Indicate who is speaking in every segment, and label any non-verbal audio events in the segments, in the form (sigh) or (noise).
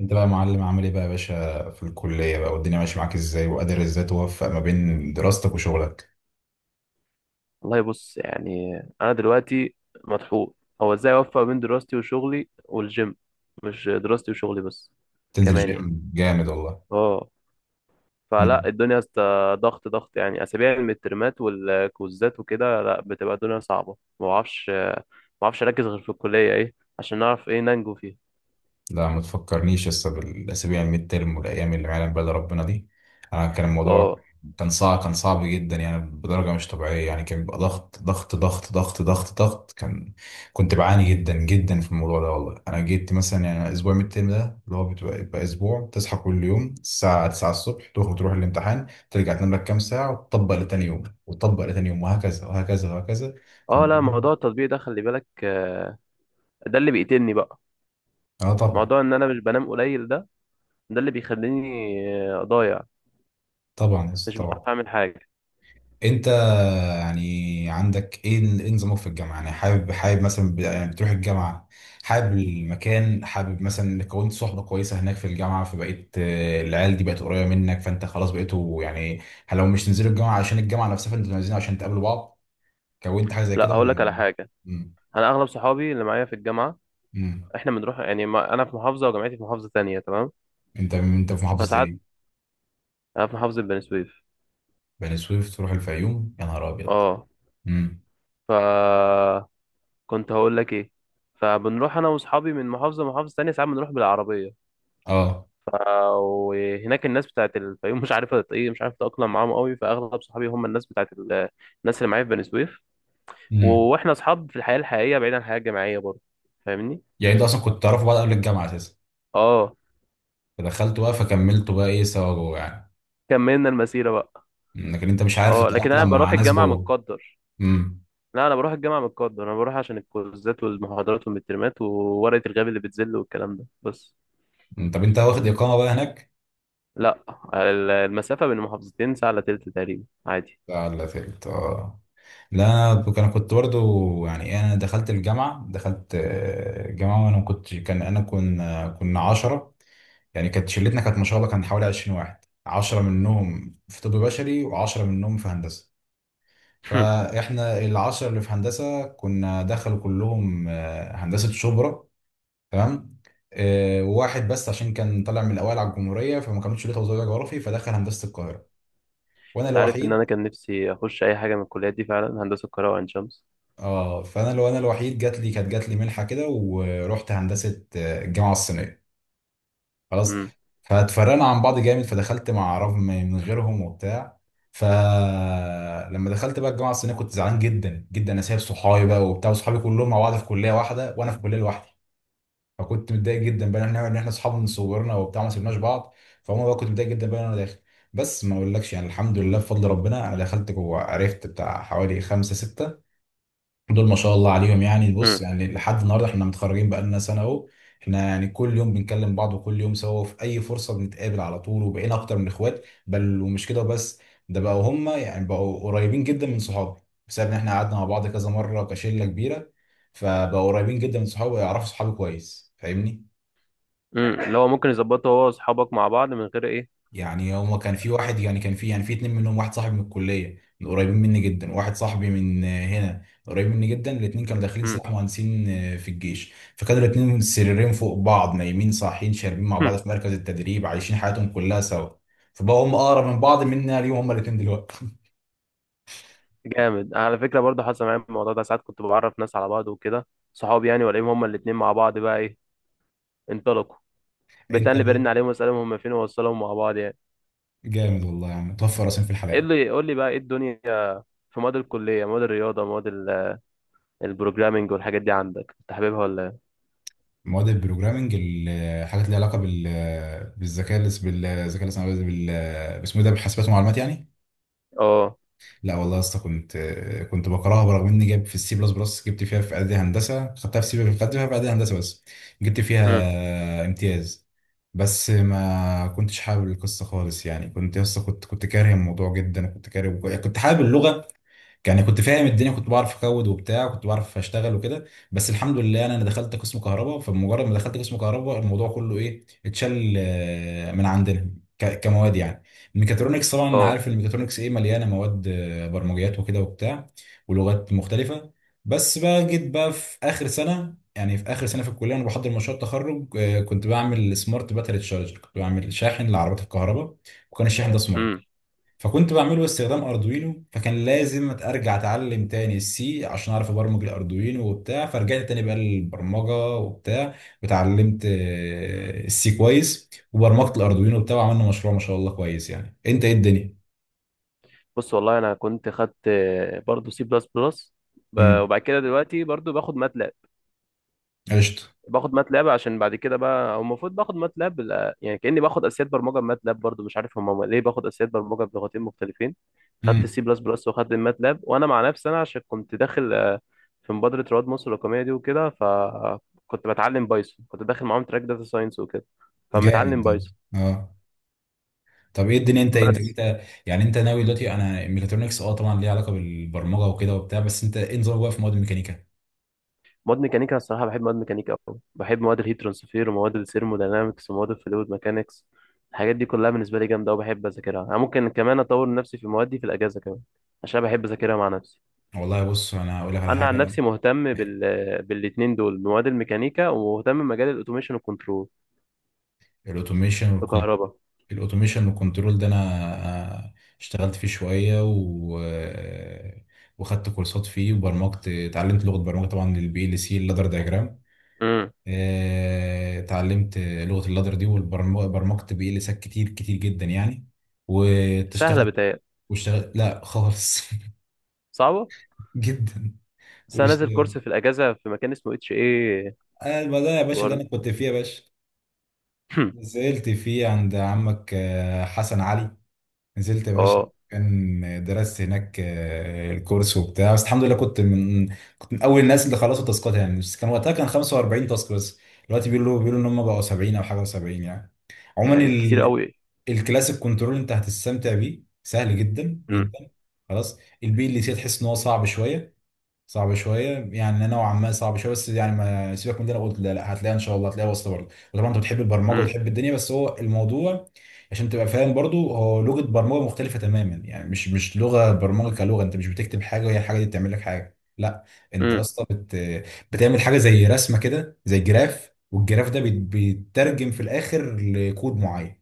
Speaker 1: انت بقى يا معلم عامل ايه بقى يا باشا في الكلية بقى والدنيا ماشية معاك ازاي وقادر ازاي توفق ما بين دراستك وشغلك؟
Speaker 2: والله بص انا دلوقتي مطحون. هو ازاي اوفق بين دراستي وشغلي والجيم؟ مش دراستي وشغلي بس،
Speaker 1: تنزل
Speaker 2: كمان
Speaker 1: جيم جامد والله.
Speaker 2: اه. فلا الدنيا ضغط يعني اسابيع المترمات والكوزات وكده. لا، بتبقى الدنيا صعبه، ما بعرفش اركز غير في الكليه، ايه عشان نعرف ايه ننجو فيها.
Speaker 1: لا ما تفكرنيش لسه بالاسابيع الميد ترم والايام اللي ما يعلم بها إلا ربنا دي. انا كان الموضوع
Speaker 2: اه.
Speaker 1: كان صعب، كان صعب جدا يعني بدرجه مش طبيعيه، يعني كان بيبقى ضغط ضغط ضغط ضغط ضغط ضغط، كان كنت بعاني جدا جدا في الموضوع ده والله. انا جيت مثلا يعني اسبوع الميد ترم ده اللي هو بيبقى اسبوع تصحى كل يوم الساعه 9 الصبح، تخرج تروح الامتحان، ترجع تنام لك كام ساعه وتطبق لتاني يوم، وتطبق لتاني يوم، وهكذا وهكذا وهكذا.
Speaker 2: اه لا، موضوع
Speaker 1: فبالليل-
Speaker 2: التطبيق ده خلي بالك آه، ده اللي بيقتلني بقى.
Speaker 1: اه طبعا.
Speaker 2: موضوع ان انا مش بنام قليل ده، ده اللي بيخليني آه، ضايع.
Speaker 1: طبعا يا
Speaker 2: مش
Speaker 1: أستاذ،
Speaker 2: بعرف
Speaker 1: طبعا.
Speaker 2: اعمل حاجه.
Speaker 1: انت يعني عندك ايه ايه نظامك في الجامعه؟ يعني حابب مثلا يعني بتروح الجامعه، حابب المكان، حابب مثلا انك كونت صحبه كويسه هناك في الجامعه، فبقيت العيال دي بقت قريبه منك فانت خلاص بقيتوا يعني لو مش تنزلوا الجامعه عشان الجامعه نفسها، فانتوا نازلين عشان تقابلوا بعض. كونت حاجه زي
Speaker 2: لا،
Speaker 1: كده
Speaker 2: هقول لك على
Speaker 1: ولا؟
Speaker 2: حاجه.
Speaker 1: امم.
Speaker 2: انا اغلب صحابي اللي معايا في الجامعه،
Speaker 1: امم.
Speaker 2: احنا بنروح ما انا في محافظه وجامعتي في محافظه تانية، تمام؟
Speaker 1: انت انت في محافظه
Speaker 2: فساعات
Speaker 1: ايه؟
Speaker 2: انا في محافظه بني سويف.
Speaker 1: بني سويف تروح الفيوم، يا نهار ابيض.
Speaker 2: اه.
Speaker 1: امم.
Speaker 2: ف كنت هقول لك ايه؟ فبنروح انا واصحابي من محافظه لمحافظه تانية، ساعات بنروح بالعربيه.
Speaker 1: اه.
Speaker 2: آه، وهناك الناس بتاعت الفيوم مش عارفه ايه، مش عارف اتاقلم معاهم قوي، فاغلب صحابي هم الناس بتاعت ال... الناس اللي معايا في بني سويف.
Speaker 1: امم.
Speaker 2: واحنا اصحاب في الحياه الحقيقيه، بعيد عن الحياه الجامعيه برضه، فاهمني؟
Speaker 1: يعني انت اصلا كنت تعرفوا بعض قبل الجامعه اساسا،
Speaker 2: اه،
Speaker 1: فدخلتوا بقى فكملتوا بقى ايه سوا جوه يعني.
Speaker 2: كملنا المسيره بقى.
Speaker 1: لكن انت مش عارف
Speaker 2: اه لكن انا
Speaker 1: تتأقلم مع
Speaker 2: بروح
Speaker 1: ناس
Speaker 2: الجامعه
Speaker 1: جوه.
Speaker 2: متقدر.
Speaker 1: امم.
Speaker 2: لا انا بروح الجامعه متقدر، انا بروح عشان الكوزات والمحاضرات والمترمات وورقه الغياب اللي بتزل والكلام ده بس.
Speaker 1: طب انت واخد إقامة بقى هناك؟
Speaker 2: لا، ال- المسافه بين محافظتين ساعه الا تلت تقريبا، عادي.
Speaker 1: لا. لا فهمت اه. لا انا انا كنت برضو يعني انا دخلت الجامعة، دخلت الجامعة وانا ما كنت كان انا كنا 10، يعني كانت شلتنا كانت ما شاء الله كان حوالي 20 واحد، 10 منهم في طب بشري و10 منهم في هندسة.
Speaker 2: (laughs) انت
Speaker 1: فاحنا العشرة اللي في هندسة كنا دخلوا كلهم هندسة شبرا. تمام. وواحد بس عشان كان طالع من الاوائل على الجمهوريه فما كانوش ليه توزيع جغرافي فدخل هندسه القاهره، وانا
Speaker 2: عارف ان
Speaker 1: الوحيد.
Speaker 2: انا كان نفسي اخش اي حاجه من الكليات دي فعلا، هندسه القاهره وعين شمس.
Speaker 1: اه فانا لو انا الوحيد جات لي، كانت جات لي منحه كده ورحت هندسه الجامعه الصينيه. خلاص.
Speaker 2: امم.
Speaker 1: فاتفرقنا عن بعض جامد فدخلت مع رغم من غيرهم وبتاع. فلما دخلت بقى الجامعه الصينيه كنت زعلان جدا جدا، انا سايب صحابي بقى وبتاع، وصحابي كلهم مع بعض في كليه واحده وانا في كليه لوحدي. فكنت متضايق جدا بقى ان احنا اصحاب من صغرنا وبتاع ما سيبناش بعض. فهم بقى كنت متضايق جدا بقى إن انا داخل. بس ما اقولكش يعني الحمد لله بفضل ربنا انا دخلت جوه عرفت بتاع حوالي خمسه سته. دول ما شاء الله عليهم، يعني بص
Speaker 2: امم.
Speaker 1: يعني لحد النهارده احنا متخرجين بقى لنا سنه اهو. احنا يعني كل يوم بنكلم بعض وكل يوم سوا، وفي اي فرصه بنتقابل على طول، وبقينا اكتر من اخوات، بل ومش كده بس، ده بقوا هم يعني بقوا قريبين جدا من صحابي، بسبب ان احنا قعدنا مع بعض كذا مره كشله كبيره. فبقوا قريبين جدا من صحابي ويعرفوا صحابي كويس، فاهمني.
Speaker 2: امم، اللي هو ممكن يظبطه هو واصحابك مع بعض من غير ايه.
Speaker 1: يعني هما كان في واحد، يعني كان في في اتنين منهم، واحد صاحبي من الكلية، من قريبين مني جدا، وواحد صاحبي من هنا قريب مني جدا، الاتنين كانوا داخلين سلاح
Speaker 2: امم.
Speaker 1: مهندسين في الجيش، فكانوا الاتنين السريرين فوق بعض، نايمين صاحيين شاربين مع بعض في
Speaker 2: (laughs)
Speaker 1: مركز التدريب، عايشين حياتهم كلها سوا. فبقوا هم اقرب من بعض مننا ليهم هما الاتنين دلوقتي.
Speaker 2: جامد على فكره، برضه حصل معايا الموضوع ده. ساعات كنت بعرف ناس على بعض وكده، صحابي يعني، والاقيهم هما الاتنين مع بعض بقى ايه، انطلقوا.
Speaker 1: (laughs) انت
Speaker 2: بتقل برن
Speaker 1: بيه
Speaker 2: عليهم واسالهم هما فين واوصلهم مع بعض يعني.
Speaker 1: جامد والله يا عم، توفى راسين في الحلقة.
Speaker 2: قول لي، قول لي بقى ايه الدنيا في مواد الكليه، مواد الرياضه، مواد البروجرامينج والحاجات دي، عندك كنت حاببها ولا إيه؟
Speaker 1: مواد البروجرامنج، الحاجات اللي ليها علاقة بال، بالذكاء بالذكاء الاصطناعي، بال، باسمه ده، بالحاسبات والمعلومات يعني.
Speaker 2: اه.
Speaker 1: لا والله يا اسطى كنت، كنت بكرهها برغم اني جايب في السي بلس بلس، جبت فيها في اعدادي هندسه، خدتها في سي، خدت فيها في اعدادي هندسه بس، جبت
Speaker 2: امم.
Speaker 1: فيها امتياز. بس ما كنتش حابب القصه خالص يعني، كنت يا اسطى كنت كاره الموضوع جدا، كنت كاره، كنت حابب اللغه. يعني كنت فاهم الدنيا، كنت بعرف اكود وبتاع، كنت بعرف اشتغل وكده. بس الحمد لله انا دخلت قسم كهرباء، فمجرد ما دخلت قسم كهرباء الموضوع كله ايه اتشال من عندنا كمواد يعني. الميكاترونكس طبعا أنا
Speaker 2: اه.
Speaker 1: عارف الميكاترونكس ايه، مليانه مواد برمجيات وكده وبتاع، ولغات مختلفه. بس بقى جيت بقى في اخر سنه، يعني في اخر سنه في الكليه وانا بحضر مشروع التخرج، كنت بعمل سمارت باتري تشارج، كنت بعمل شاحن لعربيات الكهرباء، وكان الشاحن ده سمارت.
Speaker 2: امم.
Speaker 1: فكنت بعمله استخدام اردوينو، فكان لازم ارجع اتعلم تاني السي عشان اعرف ابرمج الاردوينو وبتاع، فرجعت تاني بقى للبرمجه وبتاع، وتعلمت السي كويس وبرمجت الاردوينو وبتاع، وعملنا مشروع ما شاء الله كويس يعني. انت ايه الدنيا؟
Speaker 2: بص والله انا كنت خدت برضو سي بلس بلس.
Speaker 1: امم.
Speaker 2: وبعد كده دلوقتي برضو باخد ماتلاب.
Speaker 1: قشطه.
Speaker 2: باخد ماتلاب عشان بعد كده بقى، او المفروض باخد ماتلاب. يعني كاني باخد اساسيات برمجه بماتلاب برضو، مش عارف هم ليه باخد اساسيات برمجه بلغتين مختلفين. خدت
Speaker 1: امم.
Speaker 2: سي بلس بلس وخدت الماتلاب، وانا مع نفسي انا عشان كنت داخل آه، في مبادره رواد مصر الرقميه دي وكده، فكنت بتعلم بايثون، كنت داخل معاهم تراك داتا ساينس وكده،
Speaker 1: جامد
Speaker 2: فمتعلم
Speaker 1: ده.
Speaker 2: بايثون.
Speaker 1: اه. طب ايه الدنيا انت انت
Speaker 2: بس
Speaker 1: انت، يعني انت ناوي دلوقتي، انا ميكاترونكس اه طبعا ليها علاقه بالبرمجه وكده وبتاع، بس انت ايه نظامك بقى في مواد الميكانيكا؟
Speaker 2: مواد ميكانيكا الصراحة بحب مواد ميكانيكا أوي، بحب مواد الهيت ترانسفير ومواد الثيرموداينامكس ومواد الفلويد ميكانكس. الحاجات دي كلها بالنسبة لي جامدة وبحب أذاكرها، أنا ممكن كمان أطور نفسي في المواد دي في الأجازة كمان، عشان بحب أذاكرها مع نفسي.
Speaker 1: والله بص انا هقول لك على
Speaker 2: أنا عن
Speaker 1: حاجه.
Speaker 2: نفسي مهتم
Speaker 1: آه،
Speaker 2: بال... بالاتنين دول، مواد الميكانيكا، ومهتم بمجال الأوتوميشن والكنترول
Speaker 1: الاوتوميشن.
Speaker 2: الكهرباء.
Speaker 1: الاوتوميشن والكنترول ده انا اشتغلت فيه شويه و، وخدت كورسات فيه وبرمجت، اتعلمت لغه برمجه طبعا للبي ال سي، اللادر دايجرام.
Speaker 2: امم.
Speaker 1: اتعلمت لغه اللادر دي وبرمجت بي ال سات كتير كتير جدا يعني.
Speaker 2: سهلة
Speaker 1: واشتغلت.
Speaker 2: بتهيألي.
Speaker 1: واشتغلت لا خالص. (laughs)
Speaker 2: صعبة.
Speaker 1: جدا.
Speaker 2: بس أنا نازل
Speaker 1: واشتغلت
Speaker 2: كورس في الأجازة في مكان اسمه اتش ايه
Speaker 1: انا المزرعه يا باشا اللي انا
Speaker 2: ورد.
Speaker 1: كنت فيها يا باشا،
Speaker 2: (clears throat)
Speaker 1: نزلت فيه عند عمك حسن علي. نزلت يا باشا،
Speaker 2: اه.
Speaker 1: كان درست هناك الكورس وبتاع. بس الحمد لله كنت من، كنت من اول الناس اللي خلصوا تاسكات يعني، بس كان وقتها كان 45 تاسك بس. دلوقتي بيقولوا ان هم بقوا 70 او حاجه و70 يعني. عموما
Speaker 2: هي كتير
Speaker 1: ال...
Speaker 2: أوي.
Speaker 1: الكلاسيك كنترول انت هتستمتع بيه، سهل جدا
Speaker 2: امم.
Speaker 1: جدا. خلاص. البي ال سي تحس ان هو صعب شويه، صعب شويه، يعني نوعا ما صعب شويه، بس يعني ما سيبك من ده انا قلت لا لا هتلاقيها ان شاء الله، هتلاقيها واصله برضه. وطبعا انت بتحب البرمجه وتحب الدنيا، بس هو الموضوع عشان تبقى فاهم برضه، هو لغه برمجه مختلفه تماما، يعني مش لغه برمجه كلغه، انت مش بتكتب حاجه وهي الحاجه دي بتعمل لك حاجه، لا. انت
Speaker 2: امم.
Speaker 1: اصلا بت...، بتعمل حاجه زي رسمه كده، زي جراف، والجراف ده بيترجم في الاخر لكود معين،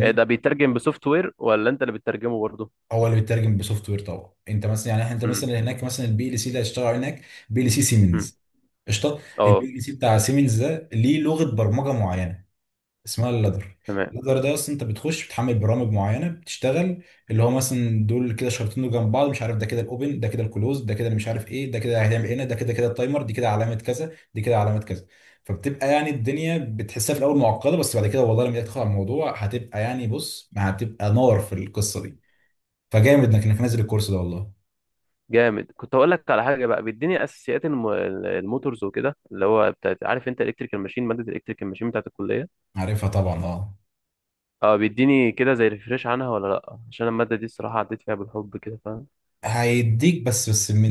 Speaker 2: إيه ده، بيترجم بسوفت وير ولا انت اللي بتترجمه برضه؟
Speaker 1: هو اللي بيترجم بسوفت وير طبعا. انت مثلا يعني انت
Speaker 2: امم.
Speaker 1: مثلا هناك مثلا البي ال سي اللي هتشتغل هناك، بي ال سي
Speaker 2: امم.
Speaker 1: سيمنز. قشطه.
Speaker 2: اه.
Speaker 1: البي ال سي بتاع سيمنز ده ليه لغه برمجه معينه، اسمها اللادر.
Speaker 2: تمام.
Speaker 1: اللادر ده اصلا انت بتخش بتحمل برامج معينه بتشتغل، اللي هو مثلا دول كده شرطين دول جنب بعض، مش عارف ده كده الاوبن، ده كده الكلوز، ده كده اللي مش عارف ايه، ده كده هيعمل إيه هنا، ده كده كده التايمر، دي كده علامه كذا، دي كده علامه كذا. فبتبقى يعني الدنيا بتحسها في الاول معقده، بس بعد كده والله لما تدخل على الموضوع هتبقى يعني، بص ما هتبقى نار في القصه دي. فجامد انك، انك نازل الكورس ده والله.
Speaker 2: جامد. كنت هقول لك على حاجه بقى، بيديني اساسيات الموتورز وكده اللي هو بتاعت، عارف انت الكتريكال ماشين، ماده الكتريكال ماشين بتاعت الكليه؟
Speaker 1: عارفها طبعا اه.
Speaker 2: اه، بيديني كده زي ريفريش عنها ولا لا؟ عشان الماده دي الصراحه عديت فيها بالحب كده، فاهم؟
Speaker 1: هيديك بس، بس من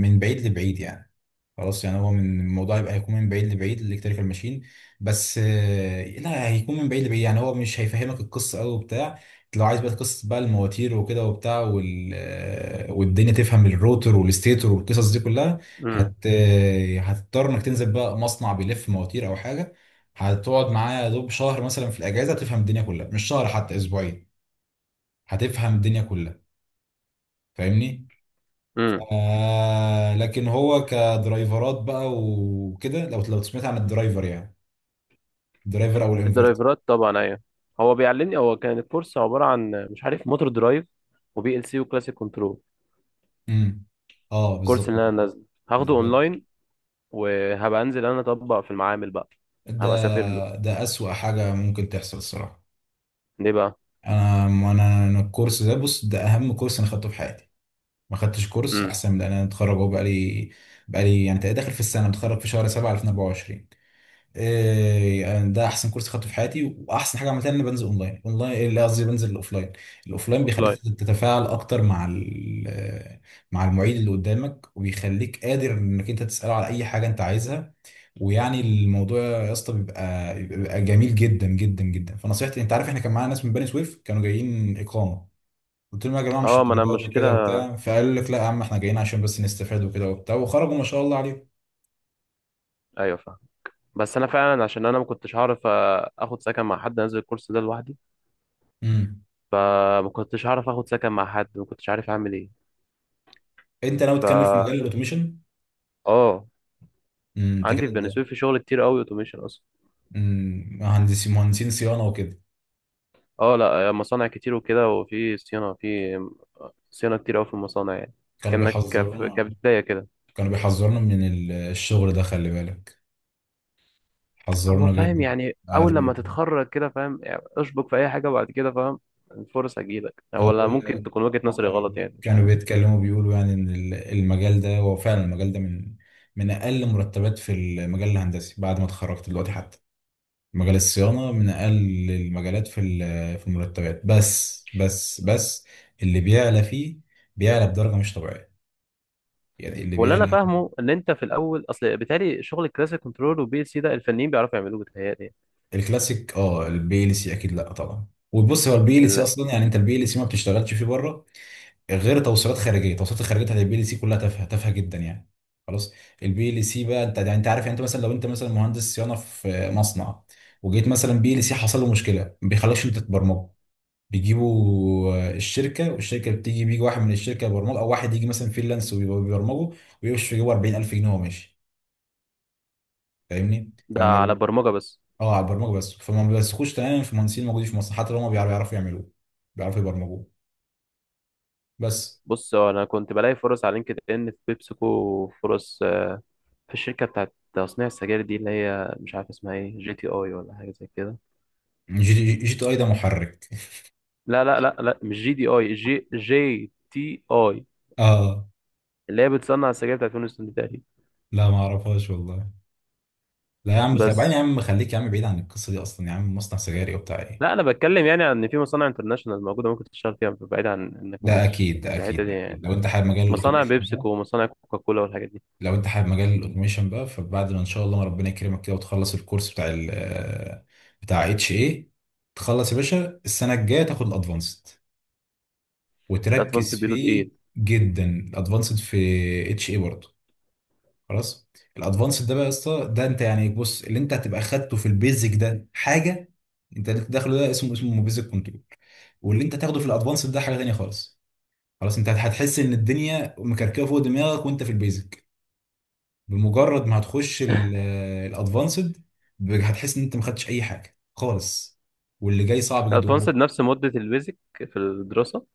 Speaker 1: من بعيد لبعيد يعني. خلاص يعني هو من الموضوع يبقى هيكون من بعيد لبعيد، الالكتريكال ماشين. بس لا هيكون من بعيد لبعيد، يعني هو مش هيفهمك القصه قوي وبتاع. لو عايز بقى قصه بقى المواتير وكده وبتاع وال والدنيا تفهم الروتر والستيتور والقصص دي كلها، هت
Speaker 2: امم.
Speaker 1: آه، هتضطر انك تنزل بقى مصنع بيلف مواتير او حاجه، هتقعد معاه يا دوب شهر مثلا في الاجازه تفهم الدنيا كلها، مش شهر حتى اسبوعين، هتفهم الدنيا كلها، فاهمني.
Speaker 2: امم.
Speaker 1: آه لكن هو كدرايفرات بقى وكده، لو سمعت عن الدرايفر يعني، الدرايفر او الانفرتر.
Speaker 2: الدرايفرات طبعا ايوه. هو بيعلمني، هو كان الكورس عباره عن مش عارف موتور درايف وبي ال سي وكلاسيك كنترول.
Speaker 1: امم. اه
Speaker 2: الكورس
Speaker 1: بالظبط
Speaker 2: اللي انا
Speaker 1: كده.
Speaker 2: نازله هاخده
Speaker 1: بالظبط.
Speaker 2: اونلاين، وهبقى انزل انا اطبق في المعامل بقى.
Speaker 1: ده،
Speaker 2: هبقى اسافر له.
Speaker 1: ده اسوأ حاجة ممكن تحصل الصراحة.
Speaker 2: ليه بقى؟
Speaker 1: انا الكورس ده، بص ده اهم كورس انا خدته في حياتي، ما خدتش كورس
Speaker 2: امم.
Speaker 1: احسن من ده. انا متخرج اهو بقالي، بقالي يعني تقريبا داخل في السنة، متخرج في شهر 7 2024. إيه يعني ده احسن كورس خدته في حياتي، واحسن حاجه عملتها ان انا بنزل اونلاين، اونلاين إيه اللي قصدي، بنزل الاوفلاين. الاوفلاين
Speaker 2: اوف
Speaker 1: بيخليك
Speaker 2: لاين.
Speaker 1: تتفاعل اكتر مع مع المعيد اللي قدامك، وبيخليك قادر انك انت تساله على اي حاجه انت عايزها، ويعني الموضوع يا اسطى بيبقى، بيبقى جميل جدا جدا جدا. فنصيحتي، انت عارف احنا كان معانا ناس من بني سويف كانوا جايين اقامه، قلت لهم يا جماعه مش
Speaker 2: اه، ما انا
Speaker 1: الدرجات دي
Speaker 2: المشكله،
Speaker 1: وكده وبتاع، فقالوا لك لا يا عم احنا جايين عشان بس نستفاد وكده وبتاع، وخرجوا ما شاء الله عليهم.
Speaker 2: ايوه فاهم، بس انا فعلا عشان انا ما كنتش هعرف آه، اخد سكن مع حد انزل الكورس ده لوحدي.
Speaker 1: امم.
Speaker 2: فما كنتش هعرف اخد سكن مع حد، ما كنتش عارف اعمل ايه.
Speaker 1: انت ناوي تكمل في
Speaker 2: فا
Speaker 1: مجال الاوتوميشن؟
Speaker 2: اه.
Speaker 1: انت
Speaker 2: عندي في بني
Speaker 1: كده.
Speaker 2: سويف في شغل كتير قوي اوتوميشن اصلا.
Speaker 1: أمم، مهندسين، مهندسين صيانة وكده.
Speaker 2: اه لا آه، مصانع كتير وكده، وفي صيانه، في صيانه كتير قوي في المصانع يعني.
Speaker 1: كانوا
Speaker 2: كانك
Speaker 1: بيحذرونا.
Speaker 2: كبدايه كده،
Speaker 1: كانوا بيحذرونا من الشغل ده، خلي بالك،
Speaker 2: هو
Speaker 1: حذرونا
Speaker 2: فاهم
Speaker 1: جدا.
Speaker 2: يعني،
Speaker 1: قعدوا
Speaker 2: اول لما
Speaker 1: بي-
Speaker 2: تتخرج كده فاهم يعني، اشبك في اي حاجه بعد كده فاهم، الفرصه تجيلك،
Speaker 1: هو
Speaker 2: ولا ممكن
Speaker 1: بيقول،
Speaker 2: تكون وجهه
Speaker 1: هما
Speaker 2: نظري غلط يعني، مش
Speaker 1: كانوا
Speaker 2: عارف.
Speaker 1: بيتكلموا بيقولوا يعني ان المجال ده هو فعلا، المجال ده من، من اقل مرتبات في المجال الهندسي بعد ما اتخرجت دلوقتي حتى. مجال الصيانة من اقل المجالات في في المرتبات، بس بس بس اللي بيعلى فيه، بيعلى بدرجة مش طبيعية يعني، اللي
Speaker 2: واللي انا
Speaker 1: بيعلى.
Speaker 2: فاهمه ان انت في الاول اصل بالتالي شغل الكلاسيك كنترول والبي ال سي ده الفنيين بيعرفوا يعملوه بتهيألي يعني.
Speaker 1: الكلاسيك اه البي ال سي اكيد، لا طبعا، وبص هو البي ال سي
Speaker 2: ال-.
Speaker 1: اصلا يعني، انت البي ال سي ما بتشتغلش فيه بره غير توصيلات خارجيه، التوصيلات الخارجيه بتاعت البي ال سي كلها تافهه، تافهه جدا يعني، خلاص. البي ال سي بقى انت يعني، انت عارف يعني، انت مثلا لو انت مثلا مهندس صيانه في مصنع وجيت مثلا بي ال سي حصل له مشكله، ما بيخلوكش انت تبرمجه، بيجيبوا الشركه، والشركه بتيجي، بيجي واحد من الشركه يبرمجه، او واحد يجي مثلا فريلانس وبيبرمجه ويمشي يجيبه 40,000 جنيه وهو ماشي، فاهمني.
Speaker 2: ده على
Speaker 1: اه
Speaker 2: برمجه بس.
Speaker 1: على البرمجه بس، فما بيثقوش تماما في المهندسين الموجودين في مصر، حتى لو هم بيعرفوا، يعرفوا يعملوه، بيعرفوا يبرمجوه بس.
Speaker 2: بص هو انا كنت بلاقي فرص على لينكد ان في بيبسيكو، وفرص آه، في الشركه بتاعت تصنيع السجاير دي، اللي هي مش عارف اسمها ايه، جي تي اي ولا حاجه زي كده.
Speaker 1: جي تي اي ده محرك. (laughs)
Speaker 2: لا مش جي دي اي، جي جي تي اي،
Speaker 1: اه
Speaker 2: اللي هي بتصنع السجاير بتاعت وينستون دي تقريبا.
Speaker 1: لا ما اعرفهاش والله. لا يا عم، بعدين يا
Speaker 2: بس
Speaker 1: عم خليك يا عم بعيد عن القصه دي اصلا يا عم، مصنع سجاري وبتاع ايه.
Speaker 2: لا انا بتكلم يعني عن ان في مصانع انترناشونال موجوده ممكن تشتغل فيها، بعيد عن انك ممكن
Speaker 1: ده
Speaker 2: تش...
Speaker 1: اكيد ده
Speaker 2: في الحته
Speaker 1: اكيد
Speaker 2: دي
Speaker 1: ده
Speaker 2: يعني.
Speaker 1: اكيد لو انت حابب مجال
Speaker 2: مصانع
Speaker 1: الاوتوميشن بقى.
Speaker 2: بيبسيكو ومصانع كوكاكولا والحاجات دي.
Speaker 1: لو انت حابب مجال الاوتوميشن بقى، فبعد ما ان شاء الله ما ربنا يكرمك كده وتخلص الكورس بتاع ال، بتاع اتش اي، تخلص يا باشا السنه الجايه تاخد الادفانسد، وتركز
Speaker 2: الادفانسد بيقولوا
Speaker 1: فيه
Speaker 2: تقيل.
Speaker 1: جدا، الادفانسد في اتش اي برضه. خلاص. الادفانسد ده بقى يا اسطى ده انت يعني بص، اللي انت هتبقى خدته في البيزك ده حاجه، انت اللي أنت داخله ده اسمه، اسمه بيزك كنترول، واللي انت تاخده في الادفانسد ده حاجه تانيه خالص. خلاص. انت هتحس ان الدنيا مكركبه فوق دماغك وانت في البيزك، بمجرد ما هتخش الادفانسد هتحس ان انت ما خدتش اي حاجه خالص، واللي جاي صعب جدا.
Speaker 2: الادفانسد نفس مده البيزك في الدراسه؟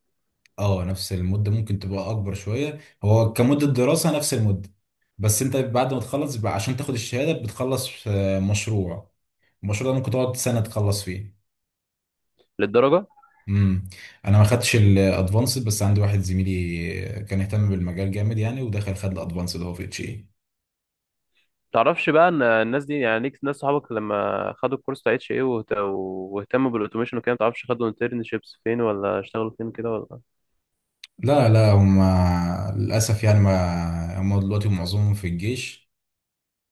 Speaker 1: اه نفس المدة، ممكن تبقى أكبر شوية، هو كمدة دراسة نفس المدة، بس أنت بعد ما تخلص بقى عشان تاخد الشهادة، بتخلص مشروع، المشروع ده ممكن تقعد سنة تخلص فيه.
Speaker 2: للدرجه؟
Speaker 1: امم. أنا ما خدتش الأدفانسد، بس عندي واحد زميلي كان اهتم بالمجال جامد يعني، ودخل خد الأدفانسد هو في اتش اي.
Speaker 2: تعرفش بقى ان الناس دي يعني، ليك ناس صحابك لما خدوا الكورس بتاع اتش ايه واهتموا بالاوتوميشن وكده، ما تعرفش خدوا انترنشيبس فين، ولا اشتغلوا فين كده ولا؟
Speaker 1: لا لا هم، للأسف يعني، ما هم دلوقتي معظمهم في الجيش،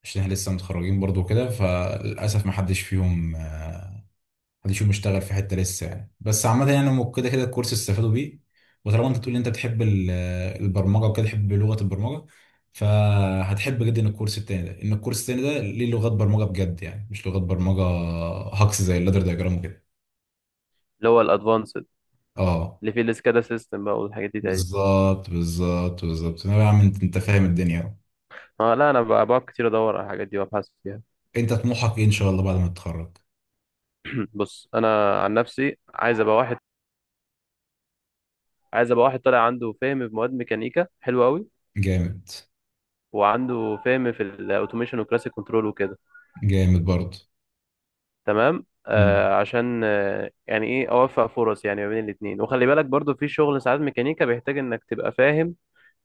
Speaker 1: عشان احنا لسه متخرجين برضو كده، فللأسف ما حدش فيهم، محدش فيهم اشتغل في حته لسه يعني، بس عامه يعني هم كده كده الكورس استفادوا بيه. وطالما انت بتقول ان انت بتحب البرمجه وكده، تحب لغه البرمجه، فهتحب جدا الكورس التاني ده، ان الكورس التاني ده ليه لغات برمجه بجد يعني، مش لغات برمجه هكس زي اللادر دايجرام وكده.
Speaker 2: اللي هو الادفانسد
Speaker 1: اه
Speaker 2: اللي فيه السكادا سيستم بقى والحاجات دي تاني.
Speaker 1: بالظبط بالظبط بالظبط. انا يا عم انت انت فاهم الدنيا اهو.
Speaker 2: اه لا انا بقى بقعد كتير ادور على الحاجات دي وابحث فيها.
Speaker 1: انت طموحك ايه ان شاء الله بعد ما تتخرج؟
Speaker 2: بص انا عن نفسي عايز ابقى واحد، عايز ابقى واحد طالع عنده فهم في مواد ميكانيكا حلو قوي،
Speaker 1: جامد.
Speaker 2: وعنده فهم في الاوتوميشن وكلاسيك كنترول وكده.
Speaker 1: جامد برضه.
Speaker 2: تمام آه، عشان آه يعني ايه، اوفق فرص يعني ما بين الاثنين. وخلي بالك برضو في شغل ساعات ميكانيكا بيحتاج انك تبقى فاهم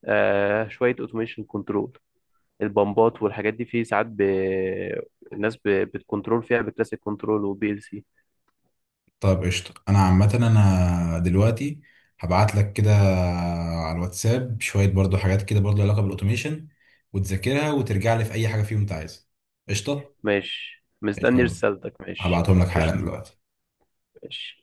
Speaker 2: آه شويه اوتوميشن كنترول، البمبات والحاجات دي في ساعات ب... الناس ب... بتكنترول فيها بكلاسيك كنترول وبي ال سي.
Speaker 1: طيب قشطة. أنا عامة أنا دلوقتي هبعت لك كده على الواتساب شوية برضو حاجات كده برضو علاقة بالأوتوميشن، وتذاكرها وترجع لي في أي حاجة فيهم أنت عايزها. قشطة.
Speaker 2: ماشي، مستني
Speaker 1: قشطة.
Speaker 2: رسالتك، ماشي.
Speaker 1: هبعتهم لك حالا
Speaker 2: قشطه.
Speaker 1: دلوقتي.
Speaker 2: ماشي.